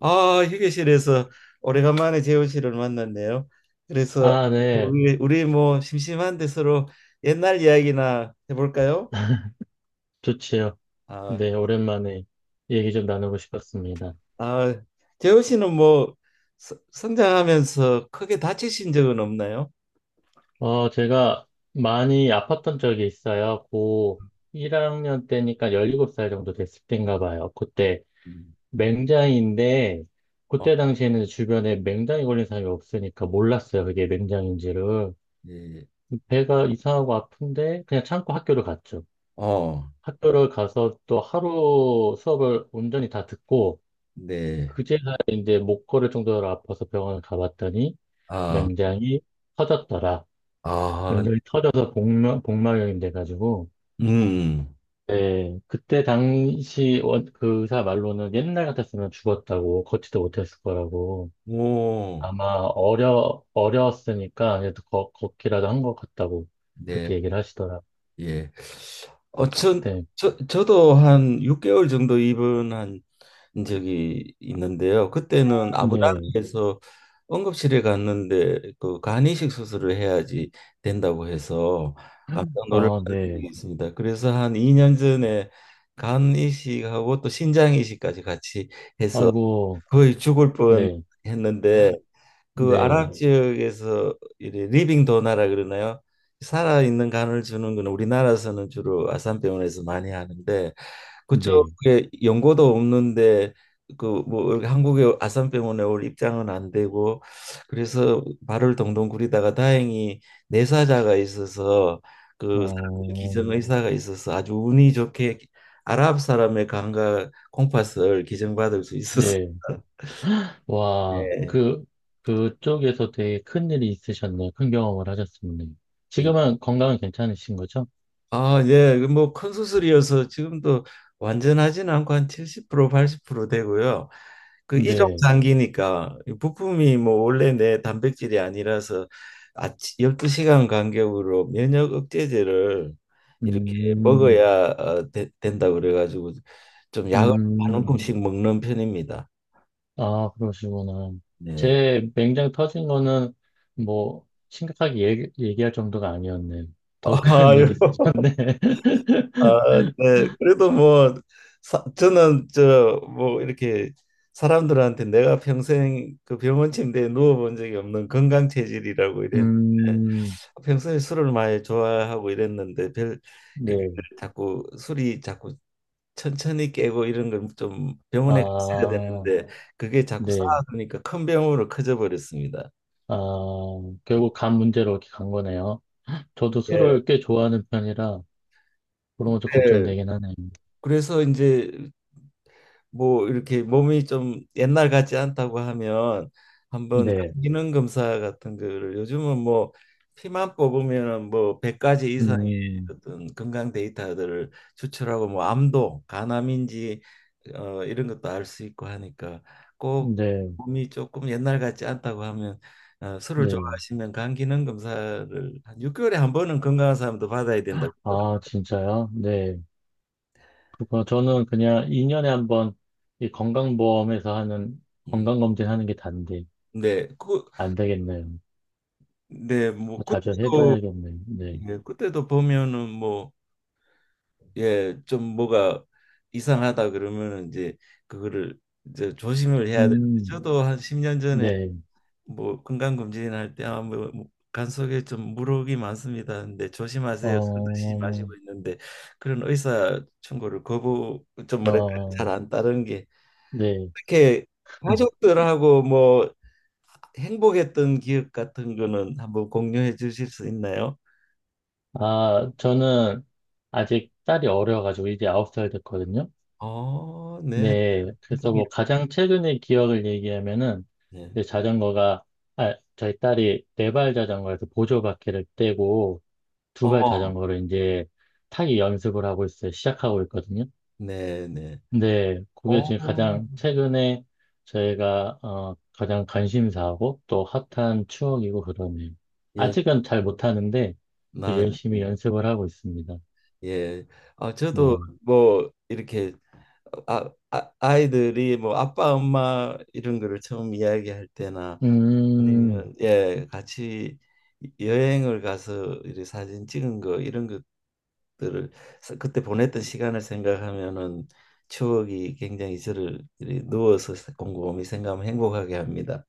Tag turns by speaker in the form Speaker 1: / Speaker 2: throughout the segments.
Speaker 1: 아, 휴게실에서 오래간만에 재호 씨를 만났네요. 그래서
Speaker 2: 아, 네.
Speaker 1: 우리 뭐 심심한데 서로 옛날 이야기나 해볼까요?
Speaker 2: 좋지요.
Speaker 1: 아,
Speaker 2: 네, 오랜만에 얘기 좀 나누고 싶었습니다.
Speaker 1: 아, 재호 씨는 뭐 성장하면서 크게 다치신 적은 없나요?
Speaker 2: 어, 제가 많이 아팠던 적이 있어요. 고 1학년 때니까 17살 정도 됐을 때인가 봐요. 그때
Speaker 1: 음,
Speaker 2: 맹장인데,
Speaker 1: 어,
Speaker 2: 그때 당시에는 주변에 맹장이 걸린 사람이 없으니까 몰랐어요. 그게 맹장인지를.
Speaker 1: 네.
Speaker 2: 배가 이상하고 아픈데, 그냥 참고 학교를 갔죠.
Speaker 1: 어,
Speaker 2: 학교를 가서 또 하루 수업을 온전히 다 듣고,
Speaker 1: 네.
Speaker 2: 그제야 이제 목 걸을 정도로 아파서 병원을 가봤더니
Speaker 1: 아,
Speaker 2: 맹장이 터졌더라.
Speaker 1: 아,
Speaker 2: 맹장이 터져서 복막염이 돼가지고,
Speaker 1: 음,
Speaker 2: 네 그때 당시 원, 그 의사 말로는 옛날 같았으면 죽었다고, 걷지도 못했을 거라고.
Speaker 1: 오,
Speaker 2: 아마 어려웠으니까 그래도 걷기라도 한 것 같다고
Speaker 1: 네,
Speaker 2: 그렇게 얘기를 하시더라.
Speaker 1: 예. 어, 전,
Speaker 2: 그때,
Speaker 1: 저도 한 6개월 정도 입원한 적이 있는데요. 그때는
Speaker 2: 네.
Speaker 1: 아부다비에서 응급실에 갔는데 그 간이식 수술을 해야지 된다고 해서 깜짝 놀란
Speaker 2: 아, 네.
Speaker 1: 이 있습니다. 그래서 한 2년 전에 간 이식하고 또 신장 이식까지 같이 해서
Speaker 2: 아이고,
Speaker 1: 거의 죽을 뻔
Speaker 2: 네,
Speaker 1: 했는데 그
Speaker 2: 네,
Speaker 1: 아랍 지역에서 이래 리빙 도나라 그러나요? 살아있는 간을 주는 거는 우리나라에서는 주로 아산병원에서 많이 하는데
Speaker 2: 네.
Speaker 1: 그쪽에 연고도 없는데 그 뭐 한국의 아산병원에 올 입장은 안 되고, 그래서 발을 동동 구리다가 다행히 내사자가 있어서
Speaker 2: 어,
Speaker 1: 기정의사가 있어서 아주 운이 좋게 아랍 사람의 감각 콩팥을 기증받을 수 있었습니다.
Speaker 2: 네. 와,
Speaker 1: 네.
Speaker 2: 그, 그쪽에서 되게 큰 일이 있으셨네요. 큰 경험을 하셨었네요. 지금은 건강은 괜찮으신 거죠?
Speaker 1: 아, 예. 그 뭐큰 수술이어서 지금도 완전하지는 않고 한 70% 80% 되고요. 그 이종
Speaker 2: 네.
Speaker 1: 장기니까 부품이 뭐 원래 내 단백질이 아니라서 아침 12시간 간격으로 면역 억제제를 이렇게
Speaker 2: 음,
Speaker 1: 먹어야 된다고 그래가지고 좀 약을 한
Speaker 2: 음,
Speaker 1: 움큼씩 먹는 편입니다.
Speaker 2: 아, 그러시구나.
Speaker 1: 네.
Speaker 2: 제 맹장 터진 거는 뭐, 심각하게 얘기할 정도가 아니었네요. 더 큰
Speaker 1: 아유.
Speaker 2: 일이 있으셨네.
Speaker 1: 아, 네. 그래도 뭐 저는 저 뭐 이렇게 사람들한테 내가 평생 그 병원 침대에 누워본 적이 없는 건강 체질이라고 이랬는데,
Speaker 2: 음,
Speaker 1: 평소에 술을 많이 좋아하고 이랬는데 별 그,
Speaker 2: 네.
Speaker 1: 자꾸 술이 자꾸 천천히 깨고 이런 건 좀 병원에 갔어야
Speaker 2: 아,
Speaker 1: 되는데 그게 자꾸
Speaker 2: 네.
Speaker 1: 쌓아두니까 큰 병으로 커져 버렸습니다.
Speaker 2: 아,
Speaker 1: 예.
Speaker 2: 결국 간 문제로 이렇게 간 거네요. 저도
Speaker 1: 네.
Speaker 2: 술을 꽤 좋아하는 편이라, 그런 것도 걱정되긴 하네요.
Speaker 1: 그래서 이제 뭐 이렇게 몸이 좀 옛날 같지 않다고 하면 한번
Speaker 2: 네.
Speaker 1: 기능 검사 같은 거를, 요즘은 뭐 피만 뽑으면은 뭐 100가지 이상의
Speaker 2: 음,
Speaker 1: 어떤 건강 데이터들을 추출하고, 뭐 암도 간암인지 어 이런 것도 알 수 있고 하니까, 꼭
Speaker 2: 네,
Speaker 1: 몸이 조금 옛날 같지 않다고 하면 어, 술을
Speaker 2: 네.
Speaker 1: 좋아하시면 간 기능 검사를 한 6개월에 한 번은 건강한 사람도 받아야 된다고
Speaker 2: 아, 진짜요? 네. 그거 저는 그냥 2년에 한 번 이 건강보험에서
Speaker 1: 그러더라고요.
Speaker 2: 하는
Speaker 1: 음.
Speaker 2: 건강검진 하는 게 단데,
Speaker 1: 네, 그,
Speaker 2: 안 되겠네요.
Speaker 1: 네,
Speaker 2: 더
Speaker 1: 뭐
Speaker 2: 자주
Speaker 1: 그때도
Speaker 2: 해봐야겠네요. 네.
Speaker 1: 예, 그때도 보면은 뭐, 예, 좀 뭐가 이상하다 그러면은 이제 그거를 이제 조심을 해야 되는데,
Speaker 2: 음,
Speaker 1: 저도 한 10년 전에
Speaker 2: 네.
Speaker 1: 뭐 건강검진 할 때 아 뭐 간속에 좀 물혹이 많습니다. 근데 조심하세요. 술 드시지
Speaker 2: 어,
Speaker 1: 마시고 있는데 그런 의사 충고를 거부 좀 뭐랄까 잘
Speaker 2: 어,
Speaker 1: 안 따른 게
Speaker 2: 네.
Speaker 1: 이렇게. 가족들하고 뭐 행복했던 기억 같은 거는 한번 공유해 주실 수 있나요?
Speaker 2: 아, 저는 아직 딸이 어려가지고 이제 9살 됐거든요.
Speaker 1: 어, 네.
Speaker 2: 네, 그래서 뭐 가장 최근의 기억을 얘기하면은
Speaker 1: 네.
Speaker 2: 이제 자전거가 아, 저희 딸이 네 발 자전거에서 보조 바퀴를 떼고 두 발
Speaker 1: 어,
Speaker 2: 자전거를 이제 타기 연습을 하고 있어요. 시작하고 있거든요.
Speaker 1: 네, 네.
Speaker 2: 근데 그게
Speaker 1: 어,
Speaker 2: 지금 가장 최근에 저희가 어, 가장 관심사하고 또 핫한 추억이고 그러네요.
Speaker 1: 예,
Speaker 2: 아직은 잘 못하는데 또
Speaker 1: 나,
Speaker 2: 열심히
Speaker 1: 예.
Speaker 2: 연습을 하고 있습니다.
Speaker 1: 예. 아, 저도
Speaker 2: 네.
Speaker 1: 뭐 이렇게 아이들이 뭐 아빠, 엄마 이런 거를 처음 이야기할 때나,
Speaker 2: 음.
Speaker 1: 아니면 예, 같이 여행을 가서 이렇게 사진 찍은 거 이런 것들을, 그때 보냈던 시간을 생각하면은 추억이 굉장히 저를 이렇게 누워서 곰곰이 생각하면 행복하게 합니다.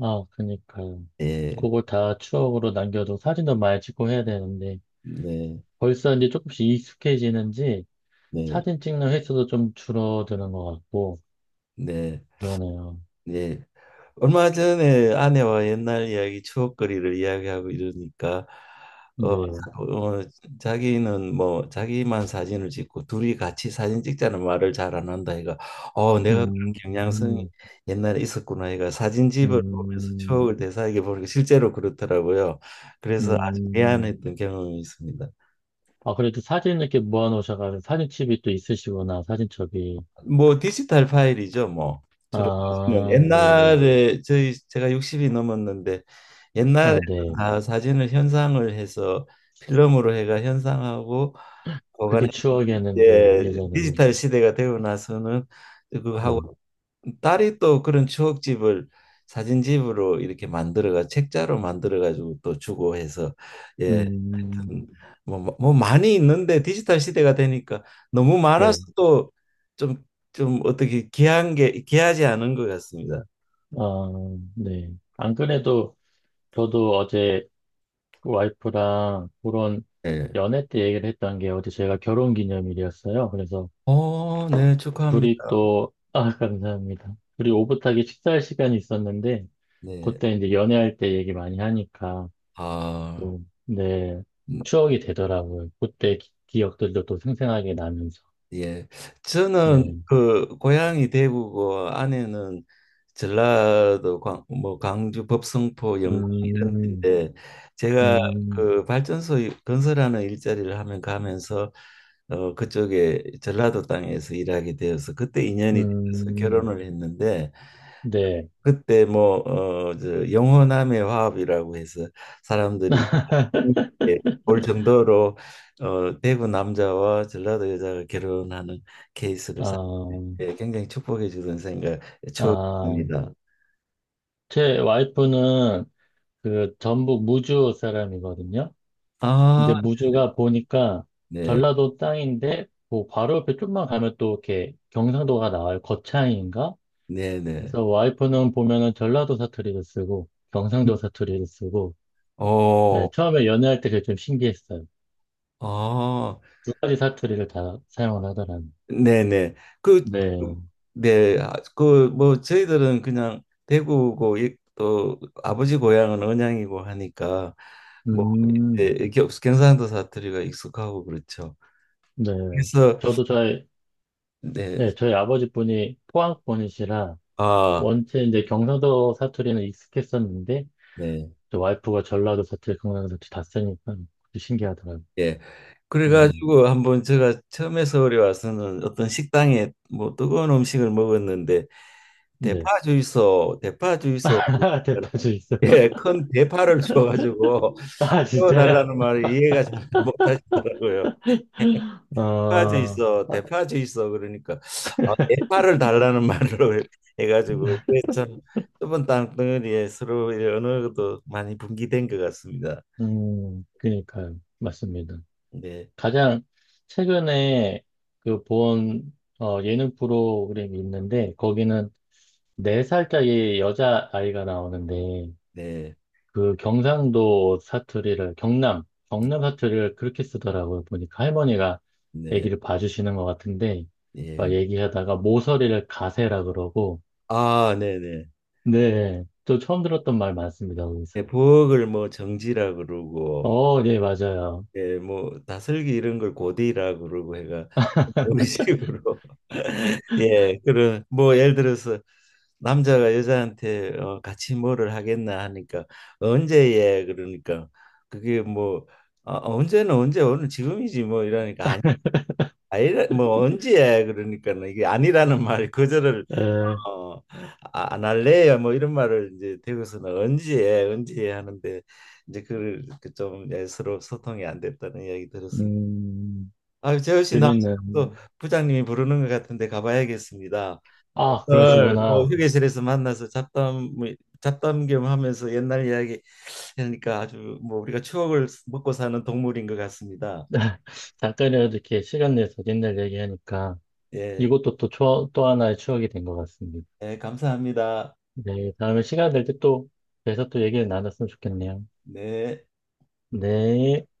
Speaker 2: 아, 그니까요.
Speaker 1: 예.
Speaker 2: 그걸 다 추억으로 남겨두고 사진도 많이 찍고 해야 되는데
Speaker 1: 네.
Speaker 2: 벌써 이제 조금씩 익숙해지는지
Speaker 1: 네.
Speaker 2: 사진 찍는 횟수도 좀 줄어드는 것 같고
Speaker 1: 네.
Speaker 2: 그러네요.
Speaker 1: 네. 얼마 전에 아내와 옛날 이야기, 추억거리를 이야기하고 이러니까 어,
Speaker 2: 네.
Speaker 1: 어 자기는 뭐 자기만 사진을 찍고 둘이 같이 사진 찍자는 말을 잘 안 한다 얘가. 어 내가 그런
Speaker 2: 음,
Speaker 1: 경향성이
Speaker 2: 음,
Speaker 1: 옛날에 있었구나, 얘가 사진집을 보면서
Speaker 2: 음,
Speaker 1: 추억을 되살게 보니까 실제로 그렇더라고요. 그래서 아주
Speaker 2: 음.
Speaker 1: 미안했던 경험이 있습니다.
Speaker 2: 아, 그래도 사진 이렇게 모아놓으셔가지고 사진첩이 또 있으시구나, 사진첩이.
Speaker 1: 뭐 디지털 파일이죠, 뭐. 주로. 네.
Speaker 2: 아, 네네.
Speaker 1: 옛날에 저희 제가 60이 넘었는데, 옛날에
Speaker 2: 아, 네.
Speaker 1: 다 사진을 현상을 해서 필름으로 해가 현상하고 보관해.
Speaker 2: 그게 추억이었는데요,
Speaker 1: 이제
Speaker 2: 예전에는.
Speaker 1: 디지털 시대가 되고 나서는 그거 하고
Speaker 2: 네.
Speaker 1: 딸이 또 그런 추억집을 사진집으로 이렇게 만들어가 책자로 만들어 가지고 또 주고 해서 예.
Speaker 2: 음,
Speaker 1: 뭐 많이 있는데 디지털 시대가 되니까 너무 많아서
Speaker 2: 네.
Speaker 1: 또 좀, 좀 어떻게 귀한 게, 귀하지 않은 것 같습니다.
Speaker 2: 아, 네. 안 그래도 저도 어제 그 와이프랑 그런
Speaker 1: 네.
Speaker 2: 연애 때 얘기를 했던 게 어제 제가 결혼 기념일이었어요. 그래서
Speaker 1: 어, 네, 축하합니다.
Speaker 2: 둘이 또, 아, 감사합니다. 둘이 오붓하게 식사할 시간이 있었는데,
Speaker 1: 네.
Speaker 2: 그때 이제 연애할 때 얘기 많이 하니까
Speaker 1: 아,
Speaker 2: 또, 네, 추억이 되더라고요. 그때 기, 억들도또 생생하게 나면서.
Speaker 1: 예. 저는
Speaker 2: 네.
Speaker 1: 그 고향이 대구고 아내는 전라도 광, 뭐 광주 법성포 영광 이런
Speaker 2: 음,
Speaker 1: 데인데, 제가
Speaker 2: 음,
Speaker 1: 그 발전소 건설하는 일자리를 하면 가면서 그쪽에 전라도 땅에서 일하게 되어서 그때 인연이 돼서
Speaker 2: 음,
Speaker 1: 결혼을 했는데,
Speaker 2: 네.
Speaker 1: 그때 뭐 영혼함의 화합이라고 해서 사람들이 볼 정도로 대구 남자와 전라도 여자가 결혼하는 케이스를
Speaker 2: 아,
Speaker 1: 예, 굉장히 축복해 주던 생각
Speaker 2: 아,
Speaker 1: 추억입니다.
Speaker 2: 제 와이프는 그 전북 무주 사람이거든요. 근데
Speaker 1: 아,
Speaker 2: 무주가 보니까
Speaker 1: 네,
Speaker 2: 전라도 땅인데 그 바로 옆에 좀만 가면 또 이렇게 경상도가 나와요. 거창인가?
Speaker 1: 네, 네.
Speaker 2: 그래서 와이프는 보면은 전라도 사투리를 쓰고 경상도 사투리를 쓰고
Speaker 1: 어,
Speaker 2: 네, 처음에 연애할 때 그게 좀 신기했어요.
Speaker 1: 아,
Speaker 2: 두 가지 사투리를 다 사용을 하더라고요.
Speaker 1: 네네. 그,
Speaker 2: 네.
Speaker 1: 네, 아, 그, 뭐, 저희들은 그냥 대구고, 이- 또 아버지 고향은 언양이고 하니까, 뭐 예,
Speaker 2: 음.
Speaker 1: 이렇게 경상도 사투리가 익숙하고 그렇죠.
Speaker 2: 네.
Speaker 1: 그래서
Speaker 2: 저도 저희
Speaker 1: 네,
Speaker 2: 네, 저희 아버지 분이 포항 분이시라
Speaker 1: 아,
Speaker 2: 원체 이제 경상도 사투리는 익숙했었는데
Speaker 1: 네,
Speaker 2: 저 와이프가 전라도 사투리, 경상도 사투리 다 쓰니까 그것도 신기하더라고요.
Speaker 1: 예.
Speaker 2: 네.
Speaker 1: 그래가지고 한번 제가 처음에 서울에 와서는 어떤 식당에 뭐 뜨거운 음식을 먹었는데
Speaker 2: 네.
Speaker 1: 대파 주이소, 대파 주이소,
Speaker 2: 대파주 있어.
Speaker 1: 예, 큰 대파를 줘가지고
Speaker 2: 아, 진짜요?
Speaker 1: 구워달라는 말을 이해가 잘 못하시더라고요. 대파제
Speaker 2: 어,
Speaker 1: 있어,
Speaker 2: 아,
Speaker 1: 대파제 있어. 그러니까 아, 대파를 달라는 말로 해가지고 이게 참 좁은 땅덩어리에 서로 의 언어도 많이 분기된 것 같습니다.
Speaker 2: 그니까요. 맞습니다.
Speaker 1: 네,
Speaker 2: 가장 최근에 그 본, 어, 예능 프로그램이 있는데, 거기는 네살짜리 여자아이가 나오는데,
Speaker 1: 네,
Speaker 2: 그 경상도 사투리를, 경남 사투리를 그렇게 쓰더라고요. 보니까 할머니가
Speaker 1: 네,
Speaker 2: 얘기를 봐주시는 것 같은데, 막
Speaker 1: 예.
Speaker 2: 얘기하다가 모서리를 가세라 그러고,
Speaker 1: 아, 네, 네.
Speaker 2: 네, 또 처음 들었던 말 많습니다, 거기서.
Speaker 1: 네, 부엌을 뭐 정지라 그러고,
Speaker 2: 어, 네, 맞아요.
Speaker 1: 예, 뭐 다슬기 이런 걸 고디라고 그러고 해가 우리 식으로 예, 그런 뭐 예를 들어서 남자가 여자한테 어, 같이 뭐를 하겠나 하니까 언제예 그러니까 그게 뭐 아, 언제는 언제 오늘 지금이지 뭐 이러니까, 아니 아니 뭐 언제야 그러니까는 이게 아니라는 말 거절을
Speaker 2: 에,
Speaker 1: 어, 아, 안 할래요. 뭐 이런 말을 이제 대구에서는 언제 해, 언제 해 하는데 이제 그걸 그좀 예, 서로 소통이 안 됐다는 이야기 들었습니다.
Speaker 2: 음,
Speaker 1: 아, 재호 씨, 나 지금
Speaker 2: 재밌는.
Speaker 1: 또 부장님이 부르는 것 같은데 가봐야겠습니다.
Speaker 2: 아,
Speaker 1: 오늘 뭐
Speaker 2: 그러시구나.
Speaker 1: 휴게실에서 만나서 잡담 뭐 잡담 겸 하면서 옛날 이야기 하니까 아주 뭐 우리가 추억을 먹고 사는 동물인 것 같습니다.
Speaker 2: 잠깐이라도 이렇게 시간 내서 옛날 얘기하니까
Speaker 1: 예,
Speaker 2: 이것도 또, 추억- 또 하나의 추억이 된 것 같습니다.
Speaker 1: 예, 감사합니다.
Speaker 2: 네, 다음에 시간 될 때 또, 그래서 또 얘기를 나눴으면 좋겠네요.
Speaker 1: 네.
Speaker 2: 네.